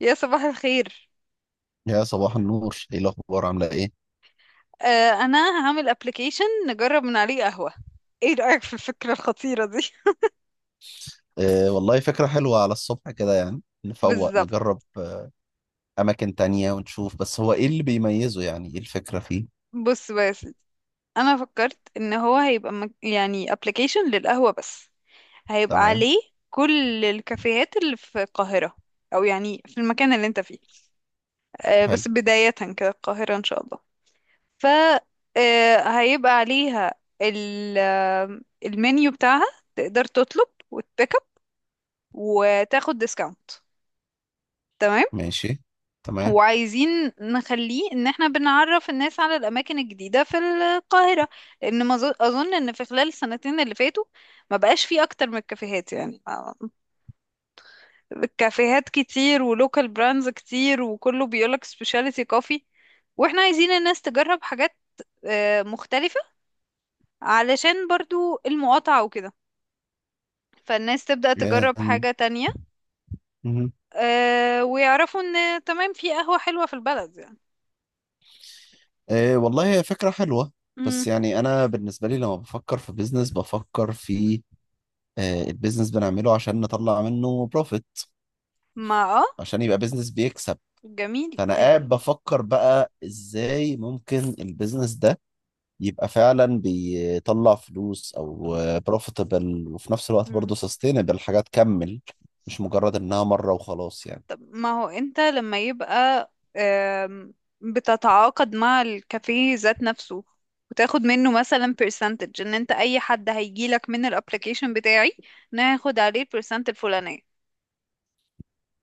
يا صباح الخير. يا صباح النور، ايه الاخبار؟ عامله ايه؟ انا هعمل ابلكيشن نجرب من عليه قهوة. ايه رأيك في الفكرة الخطيرة دي؟ آه والله فكره حلوه على الصبح كده، يعني نفوق بالظبط. نجرب. اماكن تانية ونشوف. بس هو ايه اللي بيميزه؟ يعني ايه الفكره فيه؟ بص بقى يا سيدي، انا فكرت ان هو هيبقى يعني ابلكيشن للقهوة بس، هيبقى تمام. عليه كل الكافيهات اللي في القاهرة، او يعني في المكان اللي انت فيه. حلو. بس بداية كده القاهرة ان شاء الله. ف هيبقى عليها ال... آه، المنيو بتاعها. تقدر تطلب وتبيك اب، وتاخد ديسكاونت. ماشي. تمام. وعايزين نخليه ان احنا بنعرف الناس على الاماكن الجديدة في القاهرة، لان ما ظ- اظن ان في خلال السنتين اللي فاتوا ما بقاش فيه اكتر من الكافيهات، يعني الكافيهات كتير، ولوكال براندز كتير، وكله بيقولك سبيشاليتي كوفي. واحنا عايزين الناس تجرب حاجات مختلفة، علشان برضو المقاطعة وكده، فالناس تبدأ تجرب آم، حاجة تانية. مهم. ويعرفوا ان تمام في قهوة حلوة في البلد يعني. آه والله هي فكره حلوه. مم. بس يعني انا بالنسبه لي لما بفكر في بيزنس، بفكر في البيزنس بنعمله عشان نطلع منه بروفيت، ما اه عشان يبقى بيزنس بيكسب. جميل. فانا قاعد بفكر بقى ازاي ممكن البيزنس ده يبقى فعلا بيطلع فلوس او بروفيتبل، وفي نفس الوقت مم. برضه سستينبل، حاجه تكمل، مش مجرد انها مره وخلاص يعني. طب ما هو انت لما يبقى بتتعاقد مع الكافيه ذات نفسه، وتاخد منه مثلا percentage، ان انت اي حد هيجيلك من الابليكيشن بتاعي ناخد عليه البرسنت الفلانية.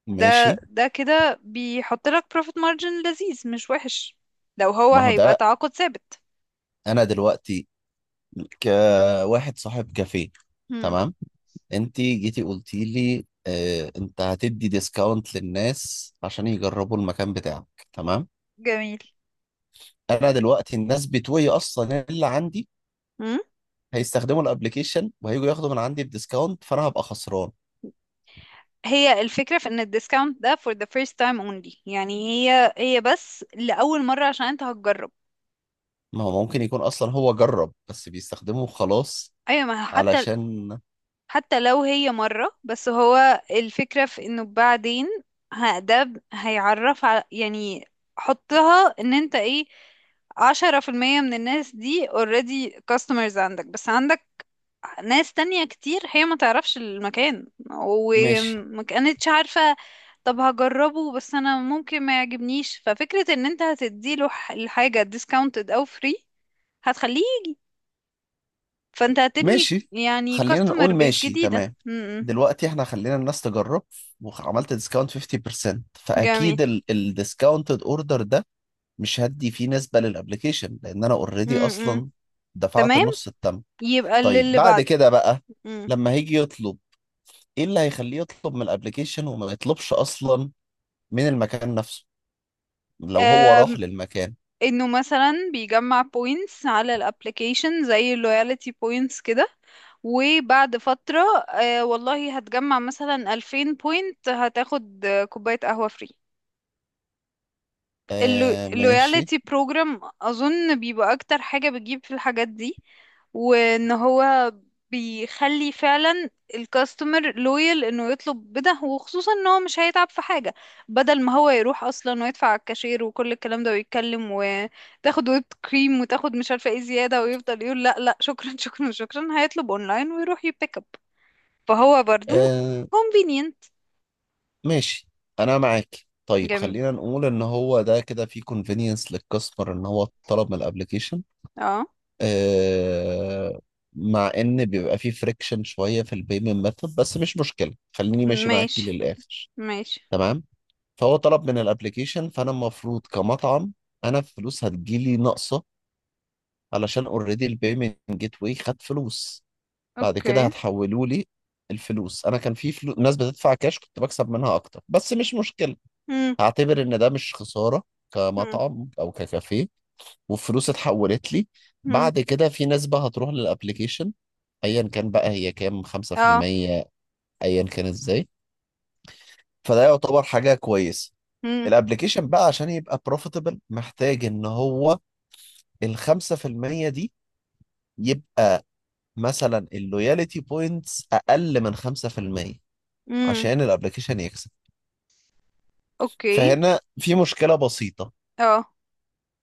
ده ماشي. ده كده بيحط لك profit margin لذيذ مش وحش، لو هو ما هو هيبقى ده، تعاقد ثابت. انا دلوقتي كواحد صاحب كافيه، مم. تمام. انت جيتي قلتي لي اه انت هتدي ديسكاونت للناس عشان يجربوا المكان بتاعك، تمام. جميل. انا دلوقتي الناس بتوعي اصلا اللي عندي مم. هيستخدموا الابليكيشن وهيجوا ياخدوا من عندي الديسكاونت، فانا هبقى خسران. هي الفكرة في ان الديسكاونت ده for the first time only، يعني هي بس لأول مرة عشان انت هتجرب. ما هو ممكن يكون اصلا هو جرب، بس بيستخدمه خلاص، ايوه ما هو حتى، علشان. حتى لو هي مرة بس، هو الفكرة في انه بعدين هيعرف على يعني. حطها ان انت ايه، 10% من الناس دي already customers عندك، بس عندك ناس تانية كتير هي ما تعرفش المكان ماشي. وما كانتش عارفة. طب هجربه، بس انا ممكن ما يعجبنيش، ففكرة ان انت الحاجة discounted او free هتخليه، فانت هتبني ماشي يعني خلينا customer نقول base ماشي جديدة تمام. م. دلوقتي احنا خلينا الناس تجرب، وعملت ديسكاونت 50%، جميل. فاكيد الديسكاونتد اوردر ده مش هدي فيه نسبة للابليكيشن، لان انا اوريدي امم. اصلا دفعت تمام. النص التم. يبقى اللي طيب اللي بعد بعده. كده بقى امم. لما هيجي يطلب، ايه اللي هيخليه يطلب من الابليكيشن وما يطلبش اصلا من المكان نفسه لو هو راح أم، للمكان؟ انه مثلا بيجمع بوينتس على الابلكيشن زي اللويالتي بوينتس كده، وبعد فترة والله هتجمع مثلا 2000 بوينت، هتاخد كوباية قهوة فري. آه ماشي. اللويالتي بروجرام اظن بيبقى اكتر حاجة بتجيب في الحاجات دي، وان هو بيخلي فعلا الكاستمر لويال انه يطلب بده، وخصوصا ان هو مش هيتعب في حاجة. بدل ما هو يروح اصلا ويدفع على الكاشير وكل الكلام ده، ويتكلم وتاخد ويب كريم، وتاخد مش عارفة ايه زيادة، ويفضل يقول لا لا شكرا شكرا شكرا، هيطلب اونلاين ويروح يبيك اب، فهو برضو آه convenient. ماشي، انا معاك. طيب جميل. خلينا نقول ان هو ده كده في convenience للكاستمر ان هو طلب من الابليكيشن. اه. آه، مع ان بيبقى في فريكشن شويه في البيمنت ميثود، بس مش مشكله، خليني ماشي معاكي ماشي للاخر. ماشي. تمام. فهو طلب من الابليكيشن، فانا المفروض كمطعم انا الفلوس هتجيلي ناقصه، علشان اوريدي البيمنت جيت واي خد فلوس، بعد كده اوكي. هتحولوا لي الفلوس. انا كان في ناس بتدفع كاش كنت بكسب منها اكتر، بس مش مشكله، هعتبر ان ده مش خسارة مم. كمطعم او ككافيه. والفلوس اتحولت لي، مم. بعد كده في نسبة هتروح للابليكيشن، ايا كان بقى هي كام، اه. 5%، ايا كان ازاي. فده يعتبر حاجة كويسة. مم. الابليكيشن بقى عشان يبقى بروفيتبل محتاج ان هو ال 5% دي يبقى مثلا اللويالتي بوينتس اقل من 5% مم. عشان الابليكيشن يكسب. اوكي. فهنا في مشكلة بسيطة، اه.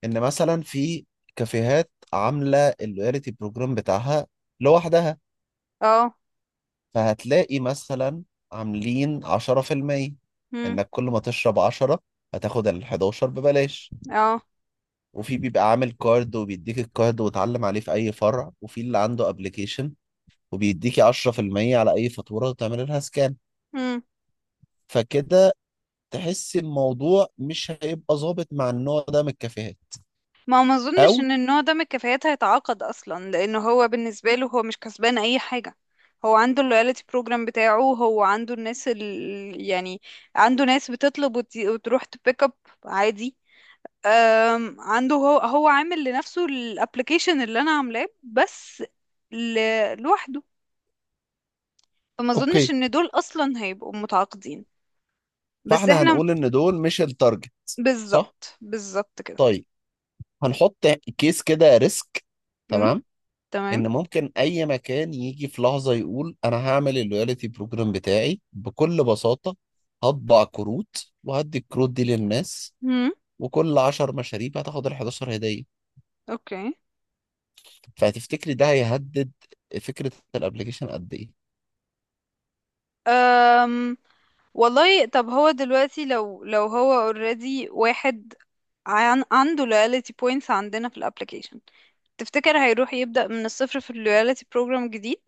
ان مثلا في كافيهات عامله اللويالتي بروجرام بتاعها لوحدها، اه. فهتلاقي مثلا عاملين 10%، مم. انك كل ما تشرب 10 هتاخد ال 11 ببلاش. اه. وفي بيبقى عامل كارد وبيديك الكارد وتعلم عليه في اي فرع، وفي اللي عنده ابلكيشن وبيديكي 10% على اي فاتوره وتعمل لها سكان. مم. فكده تحس الموضوع مش هيبقى ظابط مع النوع ده من الكافيهات. ما هو ما اظنش ان او النوع ده من الكفايات هيتعاقد اصلا، لانه هو بالنسبه له هو مش كسبان اي حاجه. هو عنده اللويالتي بروجرام بتاعه، هو عنده الناس يعني عنده ناس بتطلب وتروح تبيك اب عادي. عنده هو عامل لنفسه الابلكيشن اللي انا عاملاه، بس ل... لوحده، فما اظنش اوكي. ان دول اصلا هيبقوا متعاقدين. بس فاحنا احنا، هنقول ان دول مش التارجت. صح. بالظبط بالظبط كده. طيب هنحط كيس كده ريسك، امم. تمام، تمام. ان ممكن اي مكان يجي في لحظه يقول انا هعمل اللويالتي بروجرام بتاعي بكل بساطه، هطبع كروت وهدي الكروت دي للناس، امم. وكل 10 مشاريب هتاخد ال 11 هديه. اوكي. فهتفتكري ده هيهدد فكره الابلكيشن قد ايه؟ أم والله طب هو دلوقتي، لو هو already واحد عنده loyalty points عندنا في الابليكيشن، تفتكر هيروح يبدأ من الصفر في loyalty program جديد؟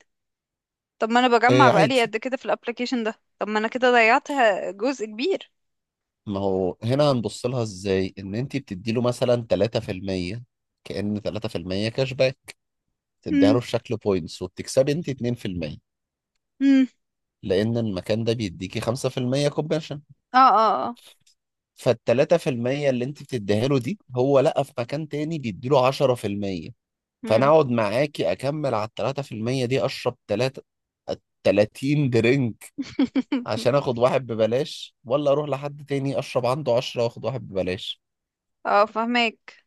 طب ما انا بجمع آه بقالي عادي. قد كده في الابليكيشن ده، طب ما انا كده ضيعت جزء كبير. ما هو هنا هنبص لها ازاي ان انت بتدي له مثلا 3%، كأن 3% كاش باك تديها امم. له في شكل بوينتس، وبتكسبي انت 2%، امم. لأن المكان ده بيديكي 5% كومباشن. اه. اه. اه. فالتلاتة في المية اللي أنت بتديها له دي هو لقى في مكان تاني بيديله 10%، فأنا امم. أقعد معاكي أكمل على التلاتة في المية دي، أشرب تلاتة، 30 درينك عشان آخد واحد ببلاش، ولا أروح لحد تاني أشرب عنده 10 وآخد واحد ببلاش. اه فهمك.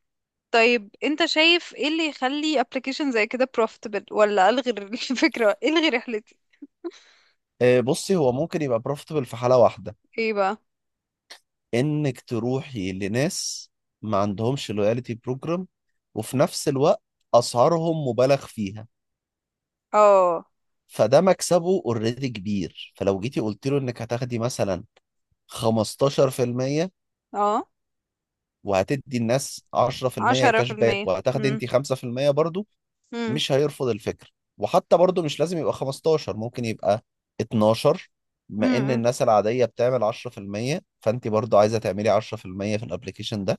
طيب انت شايف ايه اللي يخلي ابلكيشن زي كده profitable؟ ولا الغي الفكرة، الغي رحلتي. آه، بصي، هو ممكن يبقى بروفيتبل في حالة واحدة، ايه بقى؟ إنك تروحي لناس ما عندهمش لويالتي بروجرام، وفي نفس الوقت أسعارهم مبالغ فيها، اه. فده مكسبه اوريدي كبير. فلو جيتي قلت له انك هتاخدي مثلا 15%، اه. وهتدي الناس 10% عشرة كاش في باك المية وهتاخدي مم. انت 5% برضو، مم. مش هيرفض الفكرة. وحتى برضو مش لازم يبقى 15، ممكن يبقى 12. بما ان مم. الناس العادية بتعمل 10%، فانت برضو عايزة تعملي 10% في المية في الابليكيشن ده،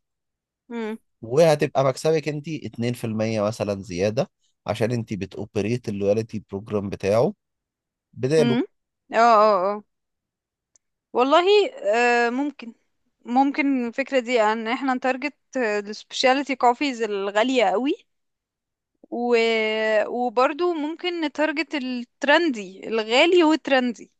مم. وهتبقى مكسبك انت 2% مثلا زيادة، عشان انت بتوبريت اللويالتي بروجرام بتاعه بداله. مم. اه. اه. اه. والله. آه ممكن الفكرة دي ان احنا نتارجت السبيشاليتي كوفيز الغالية قوي، و... وبرضو ممكن نتارجت الترندي الغالي والترندي،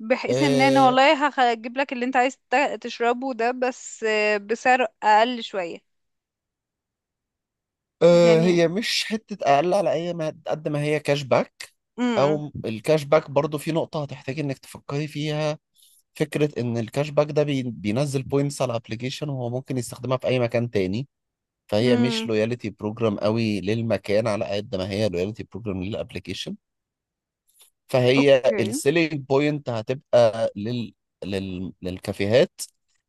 بحيث ان انا آه، والله هجيب لك اللي انت عايز تشربه ده، بس بسعر اقل شوية أه يعني. هي مش حتة أقل على أي ما قد ما هي كاش باك. امم. أو الكاش باك برضو في نقطة هتحتاج إنك تفكري فيها، فكرة إن الكاش باك ده بينزل بوينتس على الأبليكيشن، وهو ممكن يستخدمها في أي مكان تاني، فهي مش امم. لويالتي بروجرام قوي للمكان على قد ما هي لويالتي بروجرام للأبليكيشن. فهي اوكي. السيلينج بوينت هتبقى لل... للكافيهات،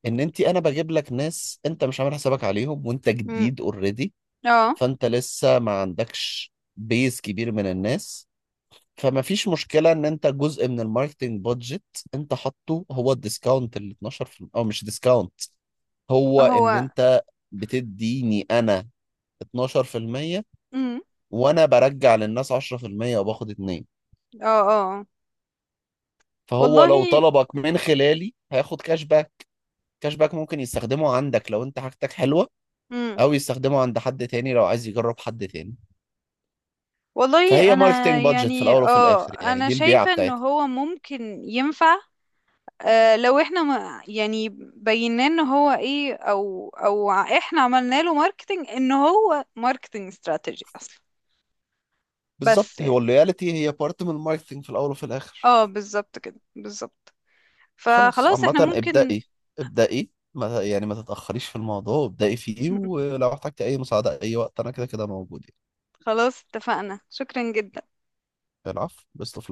إن أنت أنا بجيب لك ناس أنت مش عامل حسابك عليهم وأنت امم. جديد already. اه. فانت لسه ما عندكش بيز كبير من الناس. فما فيش مشكلة ان انت جزء من الماركتنج بادجت انت حاطه هو الديسكاونت ال 12%، او مش ديسكاونت، هو ان هو. انت بتديني انا 12%، امم. وانا برجع للناس 10% وباخد 2. اه. اه. فهو لو والله. طلبك من خلالي هياخد كاش باك. كاش باك ممكن يستخدمه عندك لو انت حاجتك حلوة، امم. او يستخدمه عند حد تاني لو عايز يجرب حد تاني. والله فهي انا ماركتنج بادجت في يعني الاول وفي الاخر يعني، انا دي البيعة شايفة ان بتاعتها. هو ممكن ينفع. لو احنا ما يعني بينا ان هو ايه، او احنا عملنا له ماركتنج، ان هو ماركتنج استراتيجي اصلا. بس بالظبط، هو يعني اللويالتي هي بارت من الماركتينج في الاول وفي الاخر. اه بالظبط كده بالظبط. خلاص فخلاص عامه، احنا ممكن. ابدأي. ابدأي، ما يعني ما تتأخريش في الموضوع، ابدأي فيه. ولو احتجتي اي مساعدة اي وقت انا كده كده موجود يعني. خلاص اتفقنا، شكرا جدا. العفو، بيست اوف.